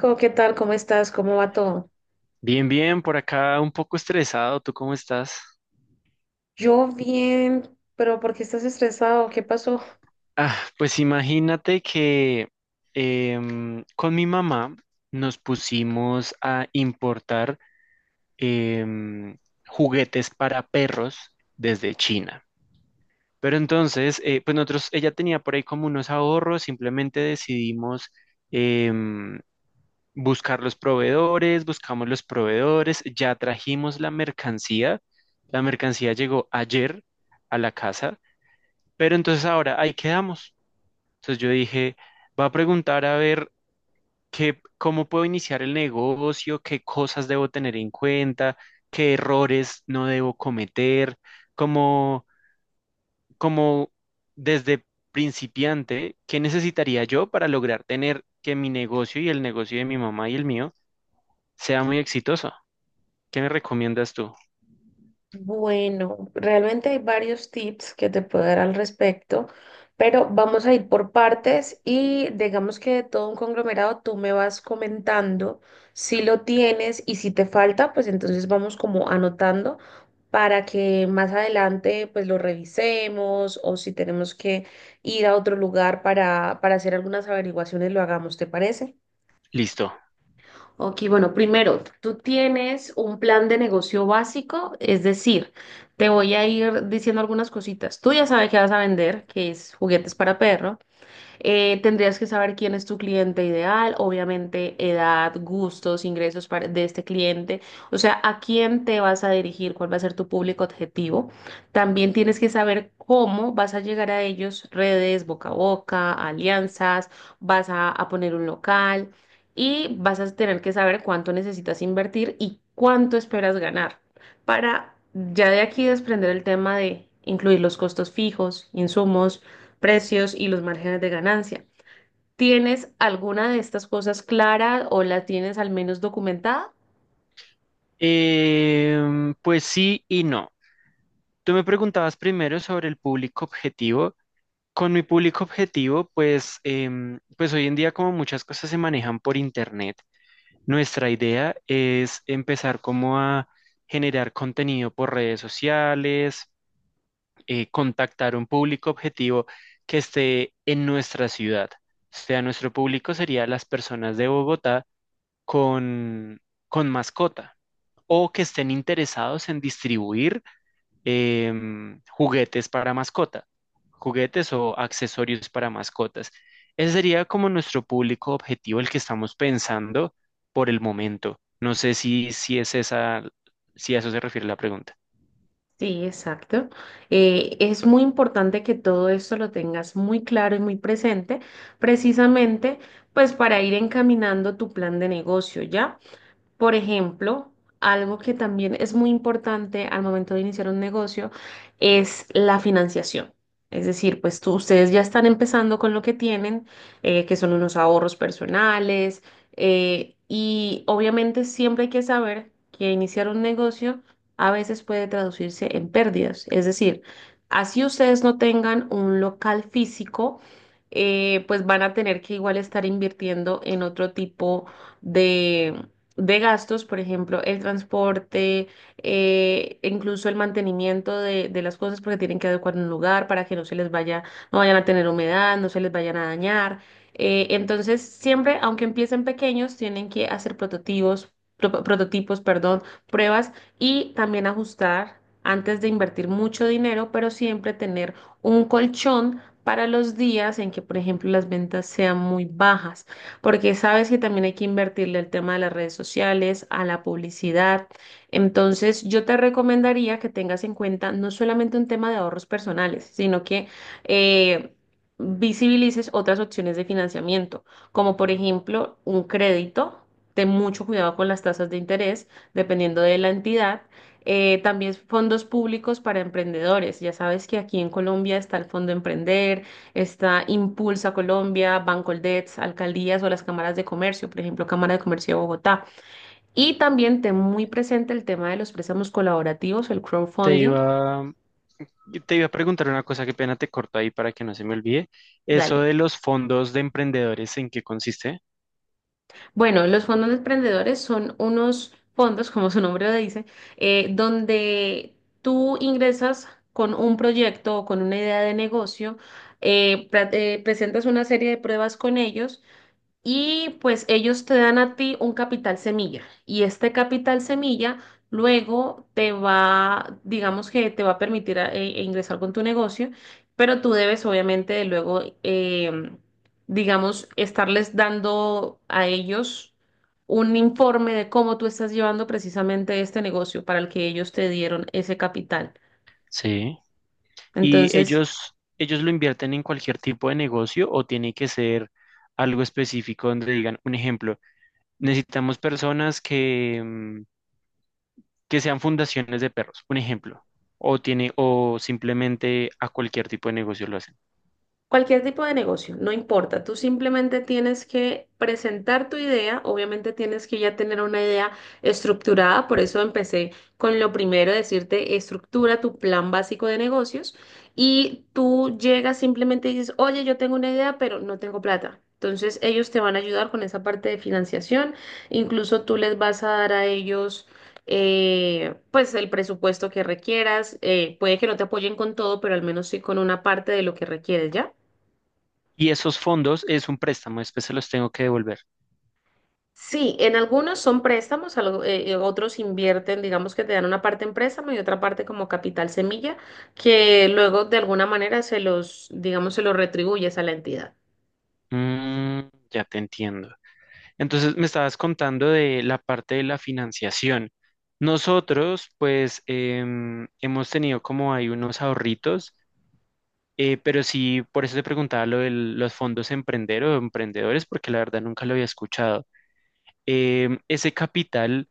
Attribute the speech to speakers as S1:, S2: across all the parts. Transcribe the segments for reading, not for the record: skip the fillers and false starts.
S1: ¿Qué tal? ¿Cómo estás? ¿Cómo va todo?
S2: Bien, bien, por acá un poco estresado. ¿Tú cómo estás?
S1: Yo bien, pero ¿por qué estás estresado? ¿Qué pasó?
S2: Ah, pues imagínate que con mi mamá nos pusimos a importar em, juguetes para perros desde China. Pero entonces, pues nosotros, ella tenía por ahí como unos ahorros, simplemente decidimos em, buscar los proveedores, buscamos los proveedores, ya trajimos la mercancía. La mercancía llegó ayer a la casa. Pero entonces ahora, ahí quedamos. Entonces yo dije, va a preguntar a ver qué, cómo puedo iniciar el negocio, qué cosas debo tener en cuenta, qué errores no debo cometer, como, como desde principiante, qué necesitaría yo para lograr tener que mi negocio y el negocio de mi mamá y el mío sea muy exitoso. ¿Qué me recomiendas tú?
S1: Bueno, realmente hay varios tips que te puedo dar al respecto, pero vamos a ir por partes y digamos que de todo un conglomerado tú me vas comentando si lo tienes y si te falta, pues entonces vamos como anotando para que más adelante pues lo revisemos o si tenemos que ir a otro lugar para hacer algunas averiguaciones lo hagamos, ¿te parece?
S2: Listo.
S1: Ok, bueno, primero, tú tienes un plan de negocio básico, es decir, te voy a ir diciendo algunas cositas. Tú ya sabes que vas a vender, que es juguetes para perros. Tendrías que saber quién es tu cliente ideal, obviamente edad, gustos, ingresos de este cliente, o sea, a quién te vas a dirigir, cuál va a ser tu público objetivo. También tienes que saber cómo vas a llegar a ellos, redes, boca a boca, alianzas, vas a poner un local y vas a tener que saber cuánto necesitas invertir y cuánto esperas ganar para ya de aquí desprender el tema de incluir los costos fijos, insumos precios y los márgenes de ganancia. ¿Tienes alguna de estas cosas clara o la tienes al menos documentada?
S2: Pues sí y no. Tú me preguntabas primero sobre el público objetivo. Con mi público objetivo, pues, pues hoy en día como muchas cosas se manejan por internet, nuestra idea es empezar como a generar contenido por redes sociales, contactar un público objetivo que esté en nuestra ciudad. O sea, nuestro público sería las personas de Bogotá con, con mascota o que estén interesados en distribuir juguetes para mascota, juguetes o accesorios para mascotas. Ese sería como nuestro público objetivo, el que estamos pensando por el momento. No sé si, si es esa, si a eso se refiere la pregunta.
S1: Sí, exacto. Es muy importante que todo esto lo tengas muy claro y muy presente, precisamente pues para ir encaminando tu plan de negocio, ¿ya? Por ejemplo, algo que también es muy importante al momento de iniciar un negocio es la financiación. Es decir, pues ustedes ya están empezando con lo que tienen, que son unos ahorros personales, y obviamente siempre hay que saber que iniciar un negocio a veces puede traducirse en pérdidas. Es decir, así ustedes no tengan un local físico, pues van a tener que igual estar invirtiendo en otro tipo de gastos, por ejemplo, el transporte, e incluso el mantenimiento de las cosas porque tienen que adecuar un lugar para que no se les vaya, no vayan a tener humedad, no se les vayan a dañar. Entonces, siempre, aunque empiecen pequeños, tienen que hacer prototipos, prototipos, perdón, pruebas y también ajustar antes de invertir mucho dinero, pero siempre tener un colchón para los días en que, por ejemplo, las ventas sean muy bajas porque sabes que también hay que invertirle el tema de las redes sociales, a la publicidad. Entonces, yo te recomendaría que tengas en cuenta no solamente un tema de ahorros personales, sino que eh, visibilices otras opciones de financiamiento, como por ejemplo un crédito. Ten mucho cuidado con las tasas de interés, dependiendo de la entidad. También fondos públicos para emprendedores. Ya sabes que aquí en Colombia está el Fondo Emprender, está Impulsa Colombia, Bancoldex, alcaldías o las cámaras de comercio, por ejemplo, Cámara de Comercio de Bogotá. Y también ten muy presente el tema de los préstamos colaborativos, el
S2: Te
S1: crowdfunding.
S2: iba, te iba a preguntar una cosa, qué pena te corto ahí para que no se me olvide. Eso
S1: Dale.
S2: de los fondos de emprendedores, ¿en qué consiste?
S1: Bueno, los fondos de emprendedores son unos fondos, como su nombre lo dice, donde tú ingresas con un proyecto o con una idea de negocio, presentas una serie de pruebas con ellos. Y pues ellos te dan a ti un capital semilla y este capital semilla luego te va, digamos que te va a permitir ingresar con tu negocio, pero tú debes obviamente luego, digamos, estarles dando a ellos un informe de cómo tú estás llevando precisamente este negocio para el que ellos te dieron ese capital.
S2: Sí. ¿Y
S1: Entonces…
S2: ellos lo invierten en cualquier tipo de negocio o tiene que ser algo específico donde digan, un ejemplo, necesitamos personas que, mm, que sean fundaciones de perros, un ejemplo, o tiene, o simplemente a cualquier tipo de negocio lo hacen?
S1: Cualquier tipo de negocio, no importa. Tú simplemente tienes que presentar tu idea. Obviamente tienes que ya tener una idea estructurada. Por eso empecé con lo primero, decirte, estructura tu plan básico de negocios. Y tú llegas simplemente y dices, oye, yo tengo una idea, pero no tengo plata. Entonces ellos te van a ayudar con esa parte de financiación. Incluso tú les vas a dar a ellos… pues el presupuesto que requieras. Puede que no te apoyen con todo, pero al menos sí con una parte de lo que requieres, ¿ya?
S2: Y esos fondos es un préstamo, ¿después se los tengo que devolver?
S1: Sí, en algunos son préstamos, otros invierten, digamos que te dan una parte en préstamo y otra parte como capital semilla, que luego de alguna manera se los, digamos, se los retribuyes a la entidad.
S2: Mm, ya te entiendo. Entonces me estabas contando de la parte de la financiación. Nosotros, pues, hemos tenido como hay unos ahorritos, pero sí, por eso te preguntaba lo de los fondos emprender o emprendedores, porque la verdad nunca lo había escuchado. Ese capital,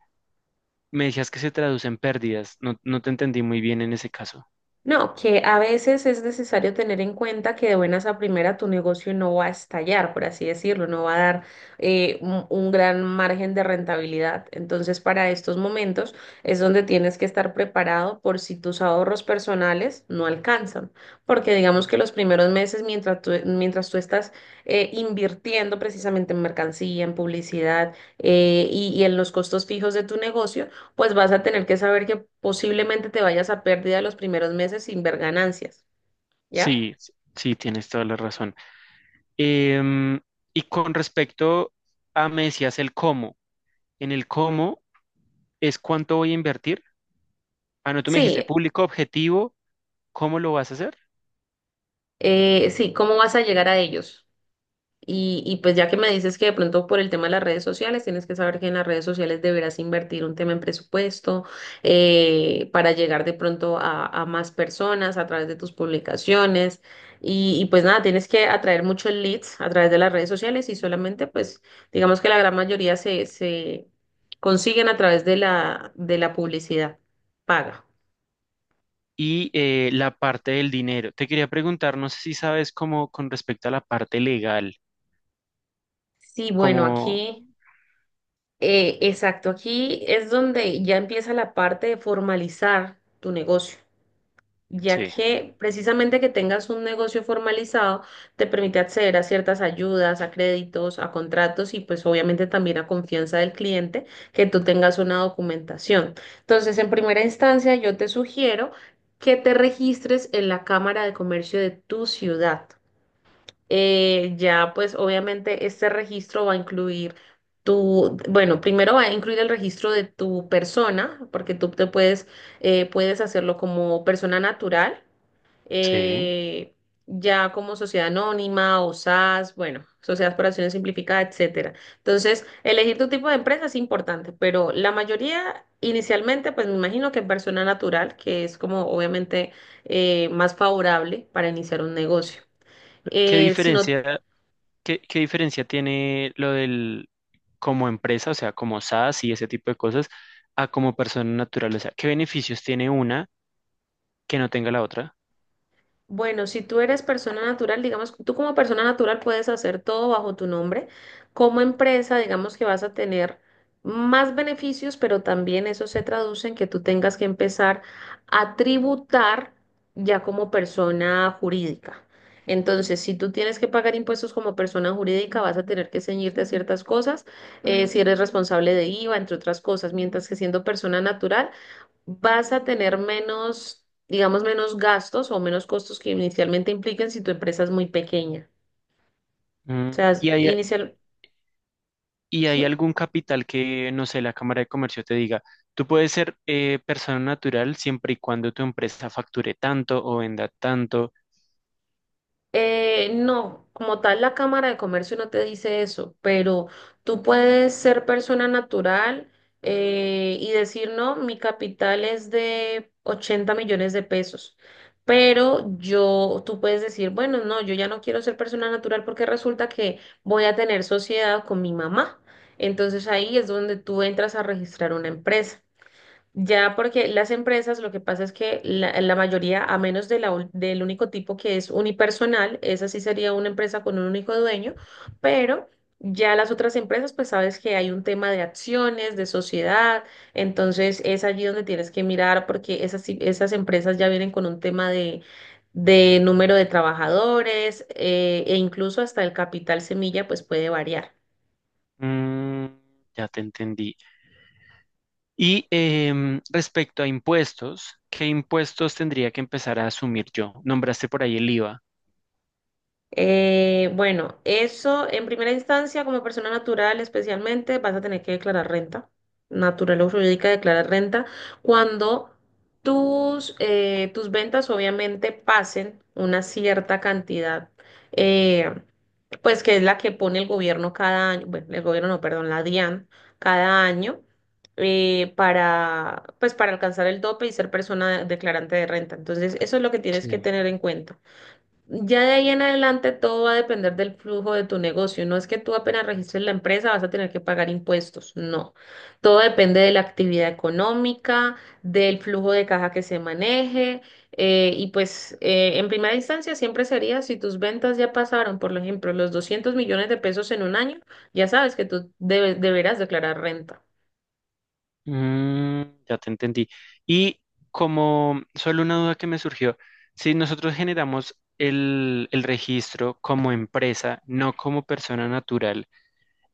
S2: me decías que se traduce en pérdidas. No, no te entendí muy bien en ese caso.
S1: No, que a veces es necesario tener en cuenta que de buenas a primera tu negocio no va a estallar, por así decirlo, no va a dar un gran margen de rentabilidad. Entonces, para estos momentos es donde tienes que estar preparado por si tus ahorros personales no alcanzan, porque digamos que los primeros meses mientras tú estás invirtiendo precisamente en mercancía, en publicidad y en los costos fijos de tu negocio, pues vas a tener que saber que posiblemente te vayas a pérdida los primeros meses sin ver ganancias, ¿ya?
S2: Sí, sí, tienes toda la razón. Em, y con respecto a, me decías el cómo. En el cómo es cuánto voy a invertir. Ah, no, tú me dijiste
S1: Sí,
S2: público objetivo, ¿cómo lo vas a hacer?
S1: sí, ¿cómo vas a llegar a ellos? Y pues ya que me dices que de pronto por el tema de las redes sociales, tienes que saber que en las redes sociales deberás invertir un tema en presupuesto para llegar de pronto a más personas a través de tus publicaciones. Y pues nada, tienes que atraer muchos leads a través de las redes sociales y solamente pues digamos que la gran mayoría se consiguen a través de la, publicidad paga.
S2: Y la parte del dinero. Te quería preguntar, no sé si sabes cómo, con respecto a la parte legal,
S1: Sí, bueno,
S2: cómo,
S1: aquí, exacto, aquí es donde ya empieza la parte de formalizar tu negocio. Ya
S2: sí,
S1: que precisamente que tengas un negocio formalizado te permite acceder a ciertas ayudas, a créditos, a contratos y pues obviamente también a confianza del cliente que tú tengas una documentación. Entonces, en primera instancia, yo te sugiero que te registres en la Cámara de Comercio de tu ciudad. Ya pues obviamente este registro va a incluir tu, bueno, primero va a incluir el registro de tu persona, porque puedes hacerlo como persona natural,
S2: sí.
S1: eh, ya como sociedad anónima o SAS, bueno, sociedades por acciones simplificadas, etcétera. Entonces, elegir tu tipo de empresa es importante, pero la mayoría inicialmente, pues me imagino que persona natural, que es como obviamente más favorable para iniciar un negocio.
S2: ¿Qué
S1: Eh, si no
S2: diferencia, qué diferencia tiene lo del como empresa, o sea, como SaaS y ese tipo de cosas, a como persona natural? O sea, ¿qué beneficios tiene una que no tenga la otra?
S1: Bueno, si tú eres persona natural, digamos, tú como persona natural puedes hacer todo bajo tu nombre. Como empresa, digamos que vas a tener más beneficios, pero también eso se traduce en que tú tengas que empezar a tributar ya como persona jurídica. Entonces, si tú tienes que pagar impuestos como persona jurídica, vas a tener que ceñirte a ciertas cosas, si eres responsable de IVA, entre otras cosas, mientras que siendo persona natural vas a tener menos, digamos, menos gastos o menos costos que inicialmente implican si tu empresa es muy pequeña. O
S2: Mm.
S1: sea, es
S2: Y hay
S1: inicial,
S2: y hay
S1: ¿sí?
S2: algún capital que, no sé, la Cámara de Comercio te diga, tú puedes ser persona natural siempre y cuando tu empresa facture tanto o venda tanto.
S1: No, como tal la Cámara de Comercio no te dice eso, pero tú puedes ser persona natural y decir, no, mi capital es de 80 millones de pesos, pero tú puedes decir, bueno, no, yo ya no quiero ser persona natural porque resulta que voy a tener sociedad con mi mamá. Entonces ahí es donde tú entras a registrar una empresa. Ya porque las empresas, lo que pasa es que la mayoría, a menos del único tipo que es unipersonal, esa sí sería una empresa con un único dueño, pero ya las otras empresas, pues sabes que hay un tema de acciones, de sociedad, entonces es allí donde tienes que mirar porque esas empresas ya vienen con un tema de número de trabajadores, e incluso hasta el capital semilla, pues puede variar.
S2: Mm, ya te entendí. Y respecto a impuestos, ¿qué impuestos tendría que empezar a asumir yo? Nombraste por ahí el IVA.
S1: Bueno, eso en primera instancia, como persona natural especialmente, vas a tener que declarar renta. Natural o jurídica declarar renta cuando tus ventas obviamente pasen una cierta cantidad, eh, pues que es la que pone el gobierno cada año, bueno, el gobierno no, perdón, la DIAN cada año. Para pues para alcanzar el tope y ser persona declarante de renta. Entonces, eso es lo que tienes
S2: Sí.
S1: que tener en cuenta. Ya de ahí en adelante todo va a depender del flujo de tu negocio. No es que tú apenas registres la empresa vas a tener que pagar impuestos. No. Todo depende de la actividad económica, del flujo de caja que se maneje. Y pues en primera instancia siempre sería si tus ventas ya pasaron, por ejemplo, los 200 millones de pesos en un año, ya sabes que tú deberás declarar renta.
S2: Mm, ya te entendí. Y como solo una duda que me surgió, si nosotros generamos el registro como empresa, no como persona natural,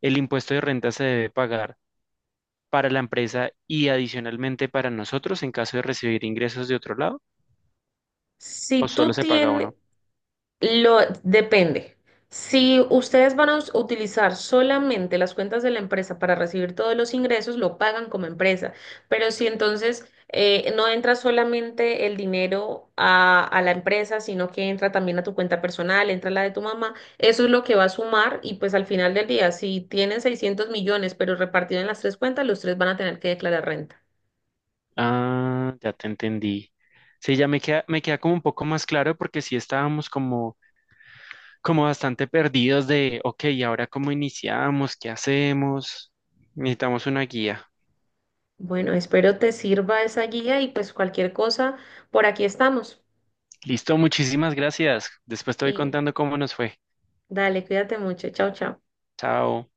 S2: el impuesto de renta se debe pagar para la empresa y adicionalmente para nosotros en caso de recibir ingresos de otro lado,
S1: Si
S2: o solo
S1: tú
S2: se paga
S1: tienes,
S2: uno.
S1: Lo depende. Si ustedes van a utilizar solamente las cuentas de la empresa para recibir todos los ingresos, lo pagan como empresa. Pero si entonces no entra solamente el dinero a, la empresa, sino que entra también a tu cuenta personal, entra la de tu mamá, eso es lo que va a sumar y pues al final del día, si tienen 600 millones, pero repartido en las tres cuentas, los tres van a tener que declarar renta.
S2: Ah, ya te entendí. Sí, ya me queda como un poco más claro, porque sí estábamos como, como bastante perdidos de, ok, ¿y ahora cómo iniciamos? ¿Qué hacemos? Necesitamos una guía.
S1: Bueno, espero te sirva esa guía y pues cualquier cosa, por aquí estamos.
S2: Listo, muchísimas gracias. Después te voy
S1: Y
S2: contando cómo nos fue.
S1: Dale, cuídate mucho. Chao, chao.
S2: Chao.